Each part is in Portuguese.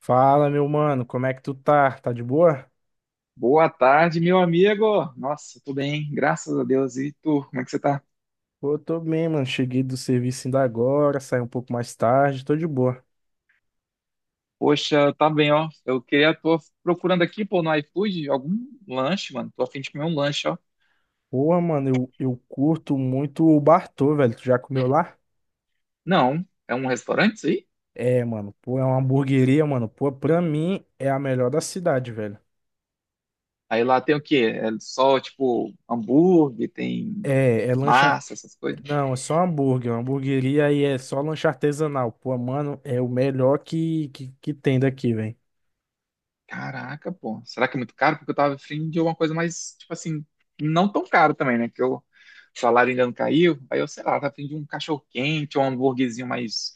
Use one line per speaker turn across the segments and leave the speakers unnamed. Fala, meu mano, como é que tu tá? Tá de boa?
Boa tarde, meu amigo. Nossa, tudo bem, graças a Deus. E tu, como é que você tá?
Pô, tô bem, mano. Cheguei do serviço ainda agora, saí um pouco mais tarde, tô de boa.
Poxa, tá bem, ó. Tô procurando aqui, pô, no iFood, algum lanche, mano. Tô a fim de comer um lanche, ó.
Pô mano, eu curto muito o Bartô, velho. Tu já comeu lá?
Não, é um restaurante isso aí?
É, mano, pô, é uma hamburgueria, mano. Pô, pra mim é a melhor da cidade, velho.
Aí lá tem o quê? É só, tipo, hambúrguer, tem
É, é lanche.
massa, essas coisas.
Não, é só hambúrguer. Uma hamburgueria e é só lanche artesanal. Pô, mano, é o melhor que tem daqui, velho.
Caraca, pô. Será que é muito caro? Porque eu tava afim de uma coisa mais, tipo assim, não tão caro também, né? O salário ainda não caiu. Aí eu, sei lá, tava afim de um cachorro-quente ou um hambúrguerzinho mais,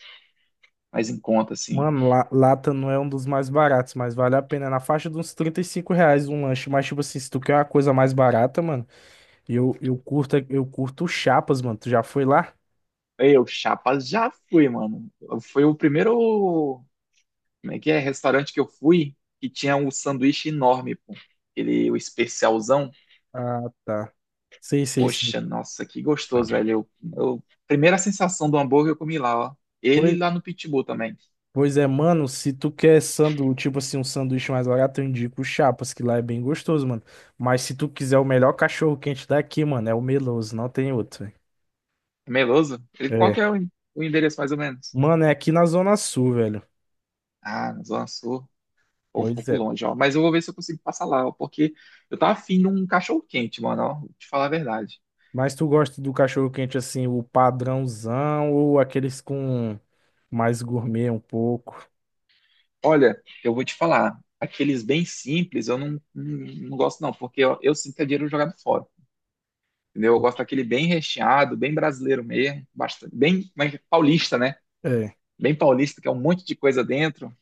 mais em conta, assim.
Mano, lata não é um dos mais baratos, mas vale a pena. É na faixa de uns R$ 35 um lanche. Mas, tipo assim, se tu quer uma coisa mais barata, mano, eu curto Chapas, mano. Tu já foi lá?
Chapa, já fui, mano. Foi o primeiro, como é que é, restaurante que eu fui que tinha um sanduíche enorme, pô. Ele, o especialzão.
Ah, tá. Sei, sei, sei.
Poxa, nossa, que gostoso, velho. Primeira sensação do hambúrguer eu comi lá, ó. Ele
Pois,
lá no Pitbull também.
pois é, mano, se tu quer sandu, tipo assim, um sanduíche mais barato, eu indico o Chapas, que lá é bem gostoso, mano. Mas se tu quiser o melhor cachorro quente daqui, mano, é o Meloso, não tem outro, velho.
Meloso? Ele, qual que
É.
é o endereço mais ou menos?
Mano, é aqui na Zona Sul, velho.
Ah, na Zona Sul. Pô, um
Pois
pouco
é.
longe, ó. Mas eu vou ver se eu consigo passar lá, ó, porque eu tava afim de um cachorro quente, mano, ó. Vou te falar a verdade.
Mas tu gosta do cachorro quente assim, o padrãozão ou aqueles com mais gourmet um pouco?
Olha, eu vou te falar, aqueles bem simples eu não gosto não, porque eu sinto que é dinheiro jogado fora, entendeu? Eu gosto daquele bem recheado, bem brasileiro mesmo, bastante, bem mas paulista, né?
É.
Bem paulista, que é um monte de coisa dentro,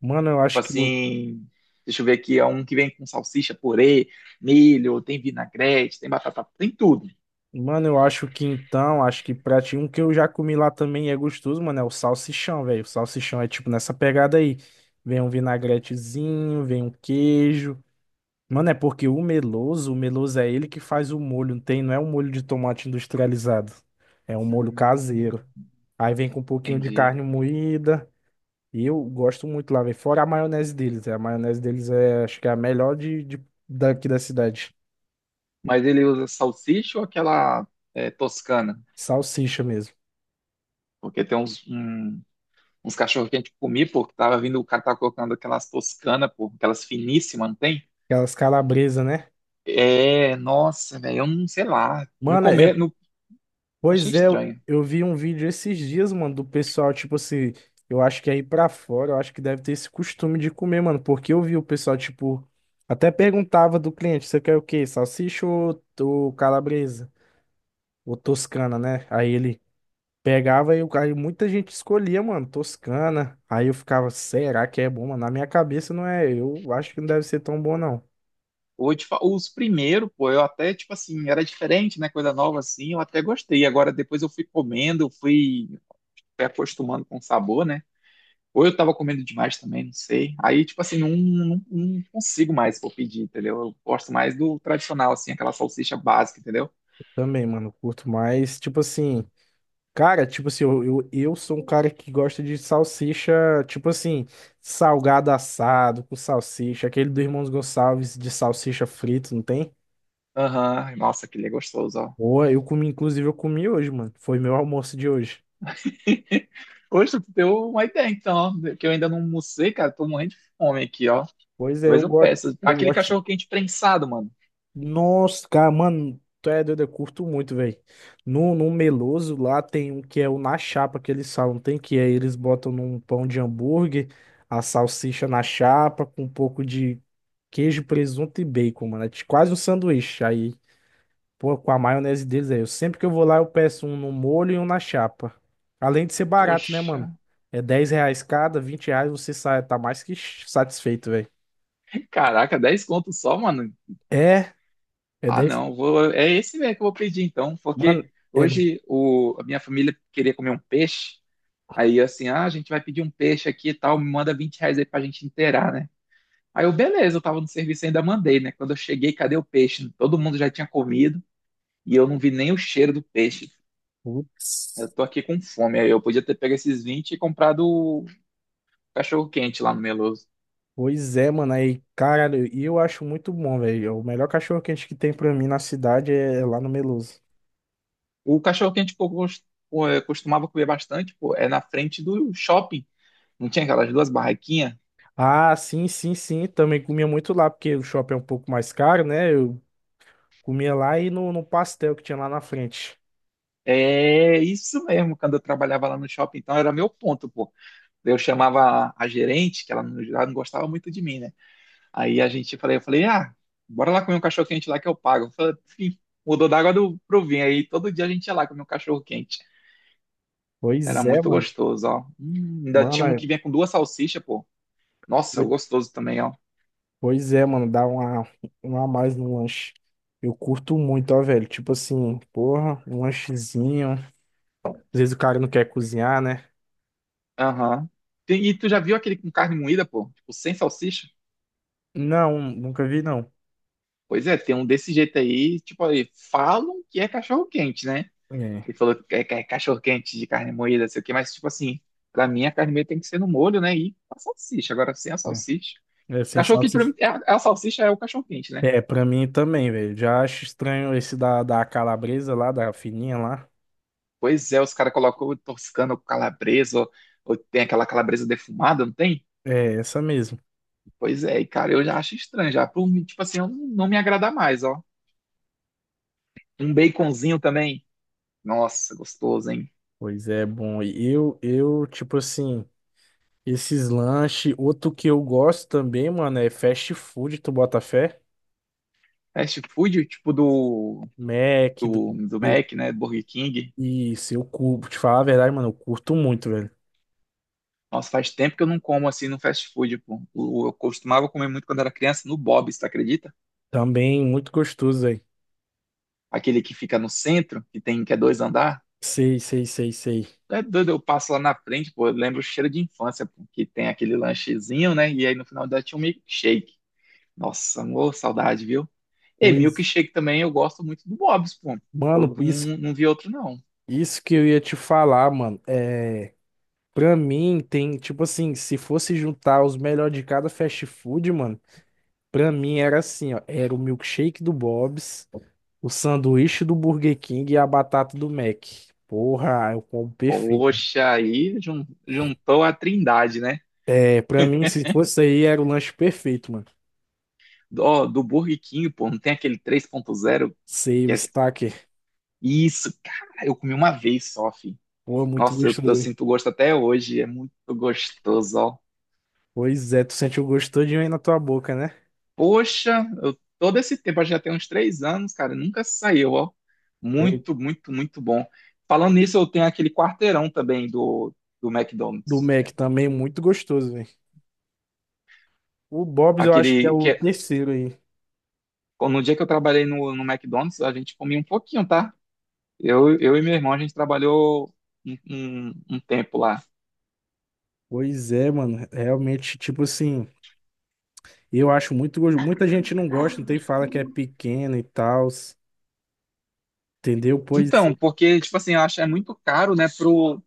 Mano, eu
tipo
acho que o.
assim, deixa eu ver aqui, é um que vem com salsicha, purê, milho, tem vinagrete, tem batata, tem tudo.
Mano, eu acho que então, acho que pra ti, um que eu já comi lá também e é gostoso, mano, é o salsichão, velho. O salsichão é tipo nessa pegada aí. Vem um vinagretezinho, vem um queijo. Mano, é porque o meloso é ele que faz o molho, não tem, não é um molho de tomate industrializado. É um molho
Hum,
caseiro. Aí vem com um pouquinho de
entendi.
carne moída. E eu gosto muito lá, velho. Fora a maionese deles, é. A maionese deles é, acho que é a melhor daqui da cidade.
Mas ele usa salsicha ou aquela toscana?
Salsicha mesmo.
Porque tem uns cachorros que a gente comia, pô, que tava vindo, o cara tava colocando aquelas toscanas, pô, aquelas finíssimas, não tem?
Aquelas calabresa, né?
É, nossa, velho, eu não sei lá. No
Mano, é,
começo, no, achei
pois é, eu
estranho.
eu vi um vídeo esses dias, mano, do pessoal, tipo assim, eu acho que aí pra fora, eu acho que deve ter esse costume de comer, mano, porque eu vi o pessoal, tipo, até perguntava do cliente, você quer o quê? Salsicha ou calabresa? Ou toscana, né? Aí ele pegava e o cara, e muita gente escolhia, mano, Toscana. Aí eu ficava, será que é bom, mano? Na minha cabeça não é, eu acho que não deve ser tão bom, não.
Hoje, os primeiros, pô, eu até, tipo assim, era diferente, né? Coisa nova assim, eu até gostei. Agora depois eu fui comendo, eu fui acostumando com o sabor, né? Ou eu tava comendo demais também, não sei. Aí, tipo assim, não consigo mais pô, pedir, entendeu? Eu gosto mais do tradicional, assim, aquela salsicha básica, entendeu?
Também, mano, curto mais, tipo assim, cara, tipo assim, eu sou um cara que gosta de salsicha, tipo assim, salgado assado com salsicha, aquele do Irmãos Gonçalves de salsicha frito, não tem?
Aham. Nossa, que ele é gostoso, ó.
Boa, eu comi, inclusive eu comi hoje, mano, foi meu almoço de hoje.
Poxa, tu deu uma ideia, então, ó, que eu ainda não almocei, cara. Tô morrendo de fome aqui, ó.
Pois é,
Talvez
eu
eu
gosto,
peça.
eu
Aquele
gosto.
cachorro quente prensado, mano.
Nossa, cara, mano, tu é doido, eu curto muito, velho. No Meloso lá tem um que é o na chapa que eles falam, tem que é, eles botam num pão de hambúrguer, a salsicha na chapa com um pouco de queijo, presunto e bacon, mano. Quase um sanduíche. Aí, pô, com a maionese deles aí, eu sempre que eu vou lá eu peço um no molho e um na chapa. Além de ser barato, né,
Poxa,
mano? É R$ 10 cada, R$ 20 você sai, tá mais que satisfeito, velho.
caraca, 10 conto só, mano.
É, é
Ah,
dez.
não, vou, é esse mesmo que eu vou pedir, então, porque
Mano, é.
hoje a minha família queria comer um peixe. Aí, assim, ah, a gente vai pedir um peixe aqui e tal, me manda 20 reais aí pra gente inteirar, né? Aí eu, beleza, eu tava no serviço e ainda mandei, né? Quando eu cheguei, cadê o peixe? Todo mundo já tinha comido e eu não vi nem o cheiro do peixe. Eu
Putz.
tô aqui com fome. Aí eu podia ter pego esses 20 e comprado o cachorro-quente lá no Meloso.
Pois é, mano, aí, cara, e eu acho muito bom, velho. O melhor cachorro quente que tem pra mim na cidade é lá no Meloso.
O cachorro-quente que eu pô, costumava comer bastante, pô, é na frente do shopping. Não tinha aquelas duas barraquinhas?
Ah, sim, sim, sim, também comia muito lá, porque o shopping é um pouco mais caro, né? Eu comia lá e no pastel que tinha lá na frente.
É isso mesmo, quando eu trabalhava lá no shopping, então era meu ponto, pô. Eu chamava a gerente, que ela não gostava muito de mim, né? Aí eu falei, ah, bora lá comer um cachorro-quente lá que eu pago. Eu falei, "Sim." Mudou da água pro vinho. Aí todo dia a gente ia lá comer um cachorro-quente. Era
Pois é,
muito
mano.
gostoso, ó. Ainda
Mano,
tinha um
é-
que vinha com duas salsichas, pô. Nossa, gostoso também, ó.
pois é, mano, dá uma a mais no lanche. Eu curto muito, ó, velho. Tipo assim, porra, um lanchezinho. Às vezes o cara não quer cozinhar, né?
Aham. E tu já viu aquele com carne moída, pô? Tipo, sem salsicha?
Não, nunca vi, não.
Pois é, tem um desse jeito aí, tipo, aí, falam que é cachorro-quente, né?
É,
Ele falou que é, cachorro-quente de carne moída, sei o quê, mas, tipo assim, pra mim a carne moída tem que ser no molho, né? E com a salsicha, agora sem a
é,
salsicha.
é sem
Cachorro-quente pra
salsicha.
mim, é a salsicha é o cachorro-quente, né?
É, pra mim também, velho. Já acho estranho esse da calabresa lá, da fininha lá.
Pois é, os caras colocam o toscano com calabresa, ou tem aquela calabresa defumada, não tem?
É, essa mesmo.
Pois é, e cara, eu já acho estranho, já. Por mim, tipo assim, eu não me agrada mais, ó. Um baconzinho também. Nossa, gostoso, hein?
Pois é, bom. E tipo assim, esses lanches, outro que eu gosto também, mano, é fast food, tu bota fé?
Fast food, tipo do,
Mac, do
do
B-
Mac, né? Burger King.
Isso, eu curto. Te falar a verdade, mano, eu curto muito, velho.
Nossa, faz tempo que eu não como assim no fast food, pô. Eu costumava comer muito quando era criança no Bob's, tu acredita?
Também muito gostoso, velho.
Aquele que fica no centro, que tem, que é dois andar.
Sei, sei, sei, sei.
É doido, eu passo lá na frente, pô, eu lembro o cheiro de infância, pô, que tem aquele lanchezinho, né? E aí no final dá tinha um milkshake. Nossa, amor, saudade, viu? E
Pois,
milkshake também eu gosto muito do Bob's, pô. Eu
mano,
não, não vi outro, não.
isso que eu ia te falar, mano. É. Pra mim, tem, tipo assim, se fosse juntar os melhores de cada fast food, mano, pra mim era assim, ó, era o milkshake do Bob's, o sanduíche do Burger King e a batata do Mac. Porra, eu como perfeito.
Poxa, aí juntou a trindade, né?
É, pra mim, se fosse aí, era o lanche perfeito, mano.
do, Burger King, pô, não tem aquele 3.0
Sei,
que
o
é...
Stacker.
Isso, cara, eu comi uma vez só, filho.
Pô, é muito
Nossa, eu
gostoso, hein?
sinto gosto até hoje, é muito gostoso, ó.
Pois é, tu sente o gosto todinho aí na tua boca, né?
Poxa, todo esse tempo, acho que já tem uns 3 anos, cara, nunca saiu, ó.
Oi.
Muito, muito, muito bom. Falando nisso, eu tenho aquele quarteirão também do,
Do
McDonald's. É.
Mac também, muito gostoso, velho. O Bob's eu acho que é
Aquele que
o
é-
terceiro aí.
no dia que eu trabalhei no McDonald's, a gente comia um pouquinho, tá? Eu e meu irmão, a gente trabalhou um, um tempo lá.
Pois é, mano, realmente, tipo assim... E eu acho muito gostoso. Muita gente não gosta, tem fala que é pequeno e tal, entendeu? Pois
Então,
é.
porque, tipo assim, eu acho que é muito caro, né,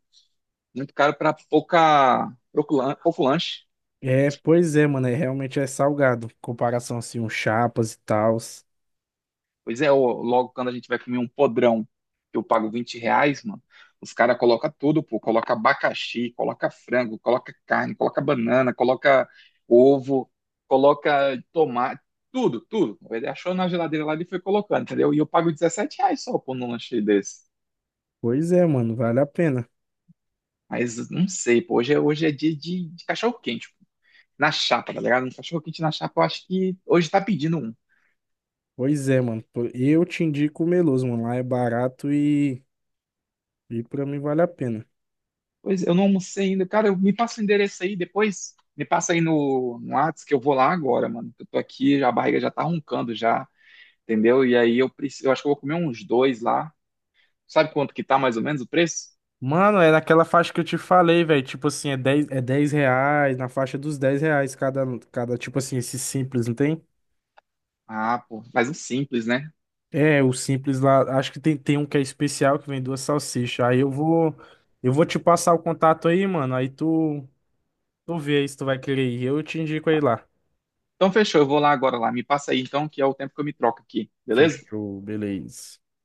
muito caro para pouco lanche.
É, pois é, mano, é, realmente é salgado, em comparação assim, um chapas e tal.
Pois é, ô, logo quando a gente vai comer um podrão, que eu pago 20 reais, mano, os caras colocam tudo, pô. Coloca abacaxi, coloca frango, coloca carne, coloca banana, coloca ovo, coloca tomate, tudo, tudo. Ele achou na geladeira lá e foi colocando, entendeu? E eu pago 17 reais só por um lanche desse.
Pois é, mano, vale a pena.
Mas não sei, pô. Hoje é dia de cachorro-quente, pô. Na chapa, tá ligado? Um cachorro-quente na chapa, eu acho que hoje tá pedindo um.
Pois é, mano, pô, eu te indico o Meloso, mano, lá é barato e pra mim vale a pena.
Pois eu não almocei ainda. Cara, me passa o endereço aí depois. Me passa aí no, Whats que eu vou lá agora, mano. Eu tô aqui, a barriga já tá roncando já, entendeu? E aí eu preciso, eu acho que eu vou comer uns dois lá. Sabe quanto que tá mais ou menos o preço?
Mano, é naquela faixa que eu te falei, velho, tipo assim, é 10 reais, na faixa dos R$ 10 cada, tipo assim, esse simples, não tem?
Ah, pô, mas um simples, né?
É, o simples lá, acho que tem, tem um que é especial que vem duas salsichas. Aí eu vou te passar o contato aí, mano. Aí tu vê aí se tu vai querer ir. Eu te indico aí lá.
Então fechou, eu vou lá agora lá. Me passa aí então, que é o tempo que eu me troco aqui, beleza?
Fechou, beleza.